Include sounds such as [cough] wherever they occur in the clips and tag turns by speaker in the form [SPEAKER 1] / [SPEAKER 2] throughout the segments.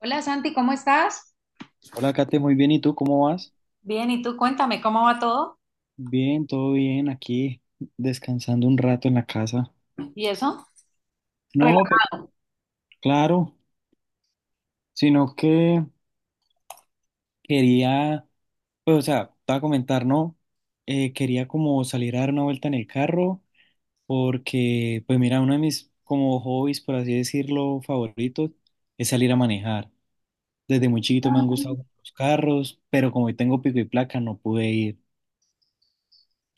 [SPEAKER 1] Hola Santi, ¿cómo estás?
[SPEAKER 2] Hola, Kate, muy bien. ¿Y tú cómo vas?
[SPEAKER 1] Bien, y tú cuéntame cómo va todo
[SPEAKER 2] Bien, todo bien, aquí descansando un rato en la casa.
[SPEAKER 1] y eso. Rela-
[SPEAKER 2] No, pues claro, sino que quería, pues o sea, te voy a comentar, ¿no? Quería como salir a dar una vuelta en el carro porque, pues mira, uno de mis como hobbies, por así decirlo, favoritos es salir a manejar. Desde muy chiquito me han gustado los carros, pero como hoy tengo pico y placa no pude ir.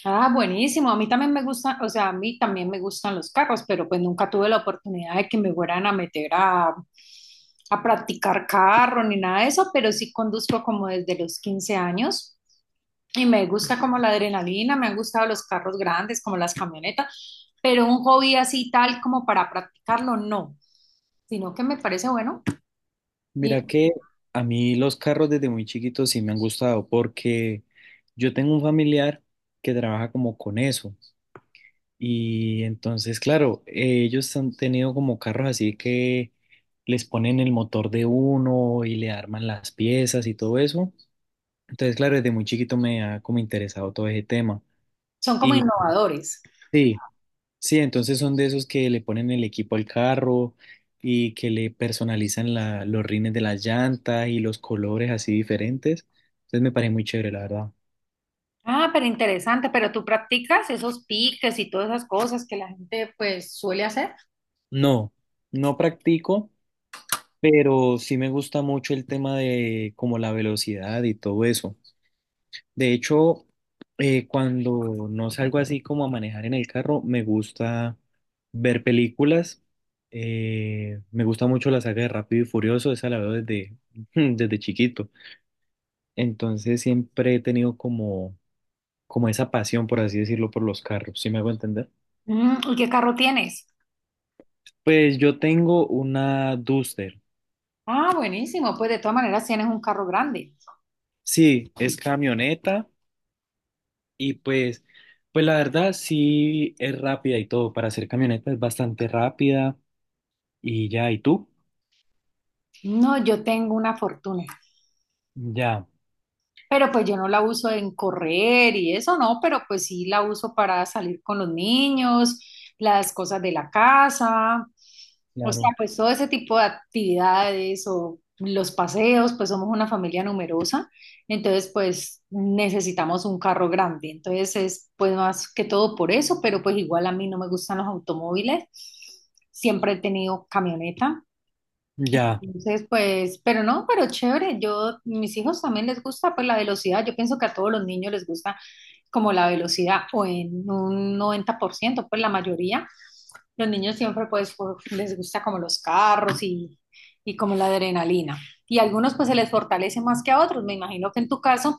[SPEAKER 1] Ah, buenísimo. A mí también me gustan, o sea, a mí también me gustan los carros, pero pues nunca tuve la oportunidad de que me fueran a meter a practicar carro ni nada de eso, pero sí conduzco como desde los 15 años y me gusta como la adrenalina, me han gustado los carros grandes, como las camionetas, pero un hobby así tal como para practicarlo, no, sino que me parece bueno y
[SPEAKER 2] Mira que a mí los carros desde muy chiquitos sí me han gustado porque yo tengo un familiar que trabaja como con eso y entonces claro, ellos han tenido como carros así que les ponen el motor de uno y le arman las piezas y todo eso. Entonces claro, desde muy chiquito me ha como interesado todo ese tema.
[SPEAKER 1] son como
[SPEAKER 2] Y
[SPEAKER 1] innovadores.
[SPEAKER 2] sí. Sí, entonces son de esos que le ponen el equipo al carro y que le personalizan los rines de las llantas y los colores así diferentes. Entonces me parece muy chévere, la verdad.
[SPEAKER 1] Ah, pero interesante, pero tú practicas esos piques y todas esas cosas que la gente pues suele hacer.
[SPEAKER 2] No, no practico, pero sí me gusta mucho el tema de como la velocidad y todo eso. De hecho, cuando no salgo así como a manejar en el carro, me gusta ver películas. Me gusta mucho la saga de Rápido y Furioso, esa la veo desde, [laughs] desde chiquito. Entonces siempre he tenido como, como esa pasión, por así decirlo, por los carros, ¿sí me hago entender?
[SPEAKER 1] Mm, ¿y qué carro tienes?
[SPEAKER 2] Pues yo tengo una Duster.
[SPEAKER 1] Ah, buenísimo, pues de todas maneras tienes un carro grande.
[SPEAKER 2] Sí, es camioneta y pues, pues la verdad sí es rápida y todo. Para ser camioneta es bastante rápida y ya, ¿y tú?
[SPEAKER 1] No, yo tengo una fortuna,
[SPEAKER 2] Ya,
[SPEAKER 1] pero pues yo no la uso en correr y eso no, pero pues sí la uso para salir con los niños, las cosas de la casa. O sea,
[SPEAKER 2] claro.
[SPEAKER 1] pues todo ese tipo de actividades o los paseos, pues somos una familia numerosa, entonces pues necesitamos un carro grande, entonces es pues más que todo por eso, pero pues igual a mí no me gustan los automóviles, siempre he tenido camioneta,
[SPEAKER 2] Ya.
[SPEAKER 1] entonces pues, pero no, pero chévere, yo, mis hijos también les gusta pues la velocidad, yo pienso que a todos los niños les gusta como la velocidad o en un 90 por ciento, pues la mayoría. Los niños siempre pues por- les gusta como los carros y como la adrenalina. Y a algunos pues se les fortalece más que a otros. Me imagino que en tu caso,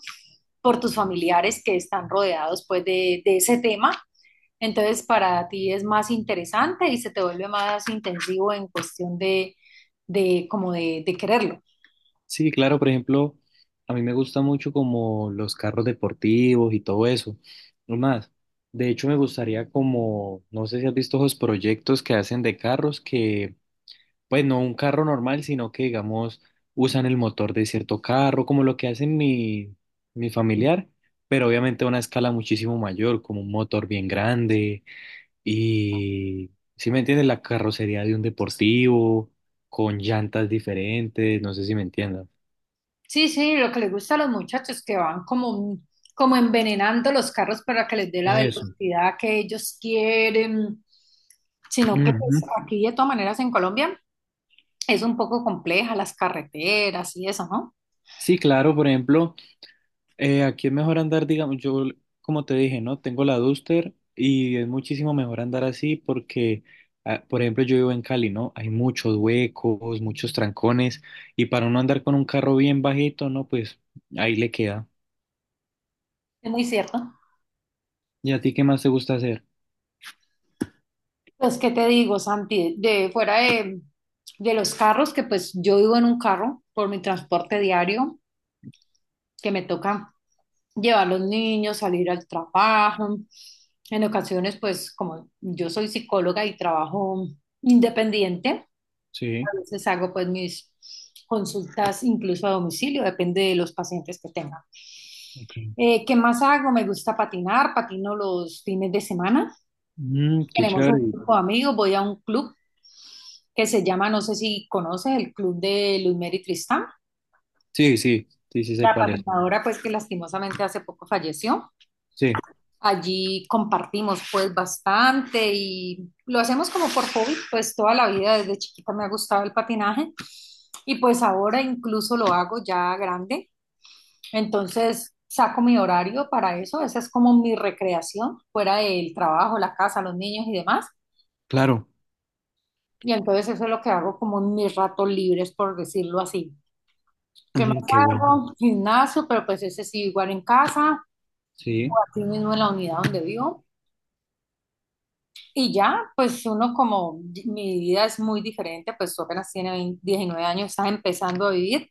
[SPEAKER 1] por tus familiares que están rodeados pues de ese tema, entonces para ti es más interesante y se te vuelve más intensivo en cuestión de como de quererlo.
[SPEAKER 2] Sí, claro, por ejemplo, a mí me gusta mucho como los carros deportivos y todo eso. No más, de hecho me gustaría como, no sé si has visto esos proyectos que hacen de carros que, pues no un carro normal, sino que digamos usan el motor de cierto carro, como lo que hacen mi familiar, pero obviamente a una escala muchísimo mayor, como un motor bien grande y, si me entiendes, la carrocería de un deportivo, con llantas diferentes, no sé si me entiendas.
[SPEAKER 1] Sí, sí, lo que les gusta a los muchachos que van como, como envenenando los carros para que les dé la
[SPEAKER 2] Eso.
[SPEAKER 1] velocidad que ellos quieren, sino que pues
[SPEAKER 2] Ujú.
[SPEAKER 1] aquí de todas maneras en Colombia es un poco compleja las carreteras y eso, ¿no?
[SPEAKER 2] Sí, claro, por ejemplo, aquí es mejor andar, digamos, yo, como te dije, ¿no? Tengo la Duster y es muchísimo mejor andar así porque, ah, por ejemplo, yo vivo en Cali, ¿no? Hay muchos huecos, muchos trancones y para uno andar con un carro bien bajito, ¿no? Pues ahí le queda.
[SPEAKER 1] Es muy cierto.
[SPEAKER 2] ¿Y a ti qué más te gusta hacer?
[SPEAKER 1] Pues, ¿qué te digo, Santi? De fuera de los carros, que pues yo vivo en un carro por mi transporte diario, que me toca llevar a los niños, salir al trabajo. En ocasiones, pues como yo soy psicóloga y trabajo independiente,
[SPEAKER 2] Sí.
[SPEAKER 1] a veces hago pues mis consultas incluso a domicilio, depende de los pacientes que tenga.
[SPEAKER 2] Ok.
[SPEAKER 1] ¿Qué más hago? Me gusta patinar, patino los fines de semana.
[SPEAKER 2] Mm, qué
[SPEAKER 1] Tenemos un
[SPEAKER 2] chévere.
[SPEAKER 1] grupo de amigos, voy a un club que se llama, no sé si conoces, el club de Luis Luzmeri Tristán,
[SPEAKER 2] Sí, sí, sí, sí sé
[SPEAKER 1] la
[SPEAKER 2] cuál es.
[SPEAKER 1] patinadora pues que lastimosamente hace poco falleció.
[SPEAKER 2] Sí,
[SPEAKER 1] Allí compartimos pues bastante y lo hacemos como por hobby, pues toda la vida desde chiquita me ha gustado el patinaje y pues ahora incluso lo hago ya grande. Entonces saco mi horario para eso, esa es como mi recreación fuera del trabajo, la casa, los niños y demás.
[SPEAKER 2] claro.
[SPEAKER 1] Y entonces eso es lo que hago como en mis ratos libres, por decirlo así. ¿Qué más
[SPEAKER 2] Mm, qué bueno.
[SPEAKER 1] hago? Gimnasio, pero pues ese sí igual en casa,
[SPEAKER 2] Sí,
[SPEAKER 1] aquí mismo en la unidad donde vivo. Y ya, pues uno como mi vida es muy diferente, pues tú apenas tienes 20 19 años, estás empezando a vivir.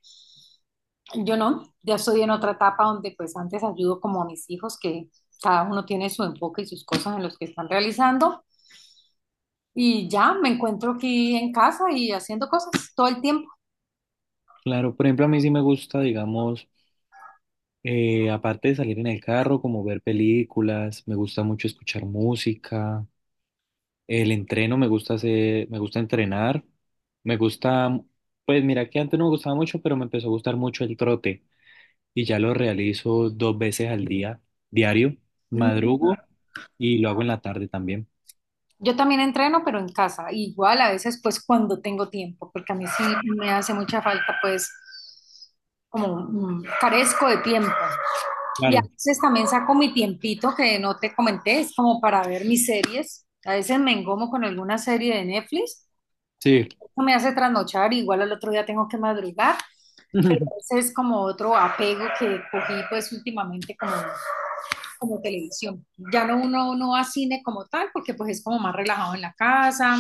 [SPEAKER 1] Yo no, ya estoy en otra etapa donde pues antes ayudo como a mis hijos, que cada uno tiene su enfoque y sus cosas en los que están realizando. Y ya me encuentro aquí en casa y haciendo cosas todo el tiempo.
[SPEAKER 2] claro. Por ejemplo, a mí sí me gusta, digamos. Aparte de salir en el carro, como ver películas, me gusta mucho escuchar música, el entreno me gusta hacer, me gusta entrenar, me gusta, pues mira que antes no me gustaba mucho, pero me empezó a gustar mucho el trote y ya lo realizo 2 veces al día, diario,
[SPEAKER 1] Mm,
[SPEAKER 2] madrugo y lo hago en la tarde también.
[SPEAKER 1] yo también entreno, pero en casa. Igual a veces pues cuando tengo tiempo, porque a mí sí me hace mucha falta pues como carezco de tiempo. Y a
[SPEAKER 2] Claro,
[SPEAKER 1] veces también saco mi tiempito que no te comenté, es como para ver mis series. A veces me engomo con alguna serie de Netflix,
[SPEAKER 2] sí,
[SPEAKER 1] eso me hace trasnochar, igual al otro día tengo que madrugar.
[SPEAKER 2] [laughs]
[SPEAKER 1] Ese es como otro apego que cogí pues últimamente como, como televisión. Ya no uno no va a cine como tal, porque pues es como más relajado en la casa,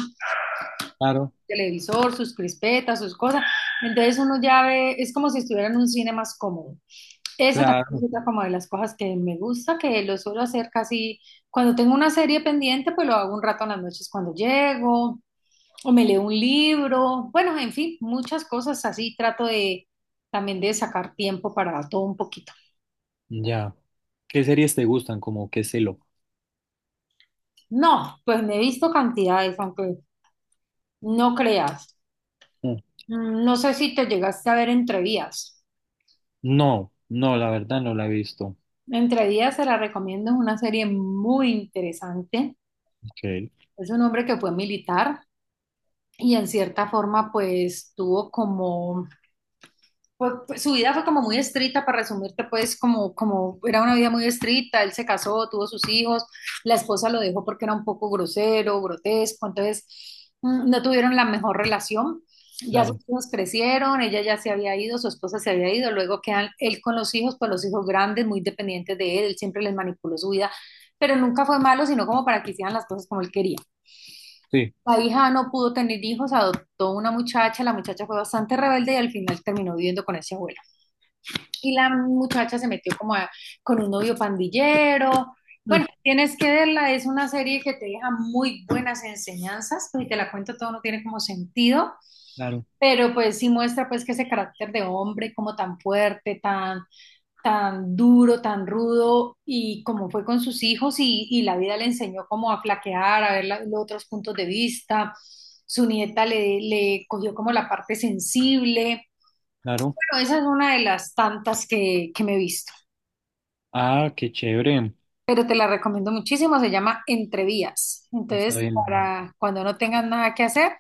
[SPEAKER 2] claro,
[SPEAKER 1] televisor, sus crispetas, sus cosas. Entonces uno ya ve, es como si estuviera en un cine más cómodo. Esa también es
[SPEAKER 2] claro,
[SPEAKER 1] otra como de las cosas que me gusta, que lo suelo hacer casi cuando tengo una serie pendiente, pues lo hago un rato en las noches cuando llego, o me leo un libro, bueno, en fin, muchas cosas así trato de también de sacar tiempo para todo un poquito.
[SPEAKER 2] ya. ¿Qué series te gustan? Como qué celo.
[SPEAKER 1] No, pues me he visto cantidades, aunque no creas.
[SPEAKER 2] Mm.
[SPEAKER 1] Mm, no sé si te llegaste a ver Entre Vías.
[SPEAKER 2] No, no, la verdad no la he visto.
[SPEAKER 1] Entre Vías se la recomiendo, es una serie muy interesante.
[SPEAKER 2] Ok,
[SPEAKER 1] Es un hombre que fue militar y en cierta forma pues tuvo como, pues, pues, su vida fue como muy estricta, para resumirte pues como, como era una vida muy estricta, él se casó, tuvo sus hijos, la esposa lo dejó porque era un poco grosero, grotesco, entonces no tuvieron la mejor relación. Ya sus
[SPEAKER 2] claro,
[SPEAKER 1] hijos crecieron, ella ya se había ido, su esposa se había ido, luego quedan él con los hijos, pues los hijos grandes, muy dependientes de él, él siempre les manipuló su vida, pero nunca fue malo, sino como para que hicieran las cosas como él quería.
[SPEAKER 2] sí.
[SPEAKER 1] La hija no pudo tener hijos, adoptó una muchacha, la muchacha fue bastante rebelde y al final terminó viviendo con ese abuelo. Y la muchacha se metió como a- con un novio pandillero. Bueno, tienes que verla, es una serie que te deja muy buenas enseñanzas, pues, y te la cuento todo, no tiene como sentido,
[SPEAKER 2] Claro,
[SPEAKER 1] pero pues sí muestra pues que ese carácter de hombre como tan fuerte, tan tan duro, tan rudo y como fue con sus hijos y la vida le enseñó como a flaquear, a ver la- los otros puntos de vista. Su nieta le, le cogió como la parte sensible.
[SPEAKER 2] claro.
[SPEAKER 1] Bueno, esa es una de las tantas que me he visto,
[SPEAKER 2] Ah, qué chévere.
[SPEAKER 1] pero te la recomiendo muchísimo. Se llama Entre Vías.
[SPEAKER 2] Está
[SPEAKER 1] Entonces,
[SPEAKER 2] bien.
[SPEAKER 1] para cuando no tengas nada que hacer,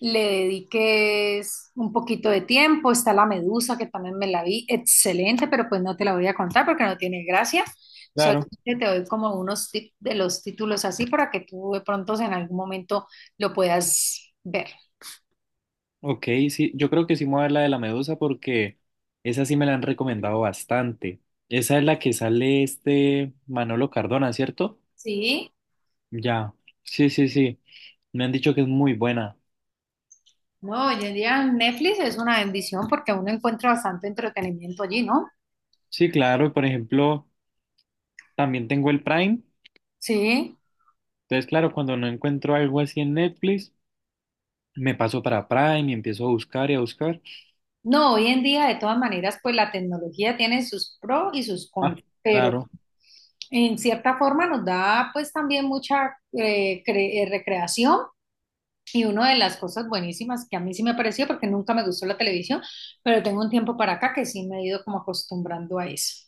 [SPEAKER 1] le dediques un poquito de tiempo. Está la medusa, que también me la vi, excelente, pero pues no te la voy a contar porque no tiene gracia.
[SPEAKER 2] Claro.
[SPEAKER 1] Solamente te doy como unos tips de los títulos así para que tú de pronto en algún momento lo puedas ver.
[SPEAKER 2] Ok, sí, yo creo que sí me voy a ver la de la medusa porque esa sí me la han recomendado bastante. Esa es la que sale este Manolo Cardona, ¿cierto?
[SPEAKER 1] Sí,
[SPEAKER 2] Ya. Sí, sí, sí. Me han dicho que es muy buena.
[SPEAKER 1] no, hoy en día Netflix es una bendición porque uno encuentra bastante entretenimiento allí, ¿no?
[SPEAKER 2] Sí, claro. Y por ejemplo, también tengo el Prime.
[SPEAKER 1] Sí.
[SPEAKER 2] Entonces, claro, cuando no encuentro algo así en Netflix, me paso para Prime y empiezo a buscar y a buscar.
[SPEAKER 1] No, hoy en día de todas maneras pues la tecnología tiene sus pros y sus
[SPEAKER 2] Ah,
[SPEAKER 1] contras, pero
[SPEAKER 2] claro.
[SPEAKER 1] en cierta forma nos da pues también mucha recreación y una de las cosas buenísimas que a mí sí me pareció porque nunca me gustó la televisión, pero tengo un tiempo para acá que sí me he ido como acostumbrando a eso.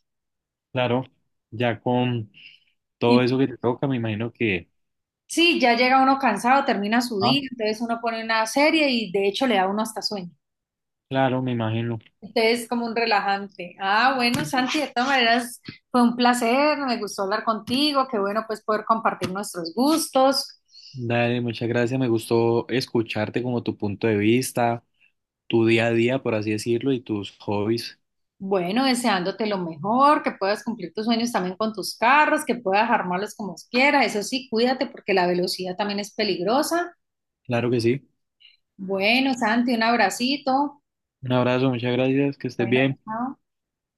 [SPEAKER 2] Claro, ya con
[SPEAKER 1] Y
[SPEAKER 2] todo eso que te toca, me imagino que,
[SPEAKER 1] sí, ya llega uno cansado, termina su
[SPEAKER 2] ah,
[SPEAKER 1] día, entonces uno pone una serie y de hecho le da uno hasta sueño.
[SPEAKER 2] claro, me imagino.
[SPEAKER 1] Entonces es como un relajante. Ah, bueno, Santi, de todas maneras fue un placer, me gustó hablar contigo, qué bueno pues poder compartir nuestros gustos.
[SPEAKER 2] Dale, muchas gracias. Me gustó escucharte como tu punto de vista, tu día a día, por así decirlo, y tus hobbies.
[SPEAKER 1] Bueno, deseándote lo mejor, que puedas cumplir tus sueños también con tus carros, que puedas armarlos como quieras. Eso sí, cuídate porque la velocidad también es peligrosa.
[SPEAKER 2] Claro que sí.
[SPEAKER 1] Bueno, Santi, un abracito.
[SPEAKER 2] Un abrazo, muchas gracias, que estés
[SPEAKER 1] Bueno,
[SPEAKER 2] bien.
[SPEAKER 1] chao.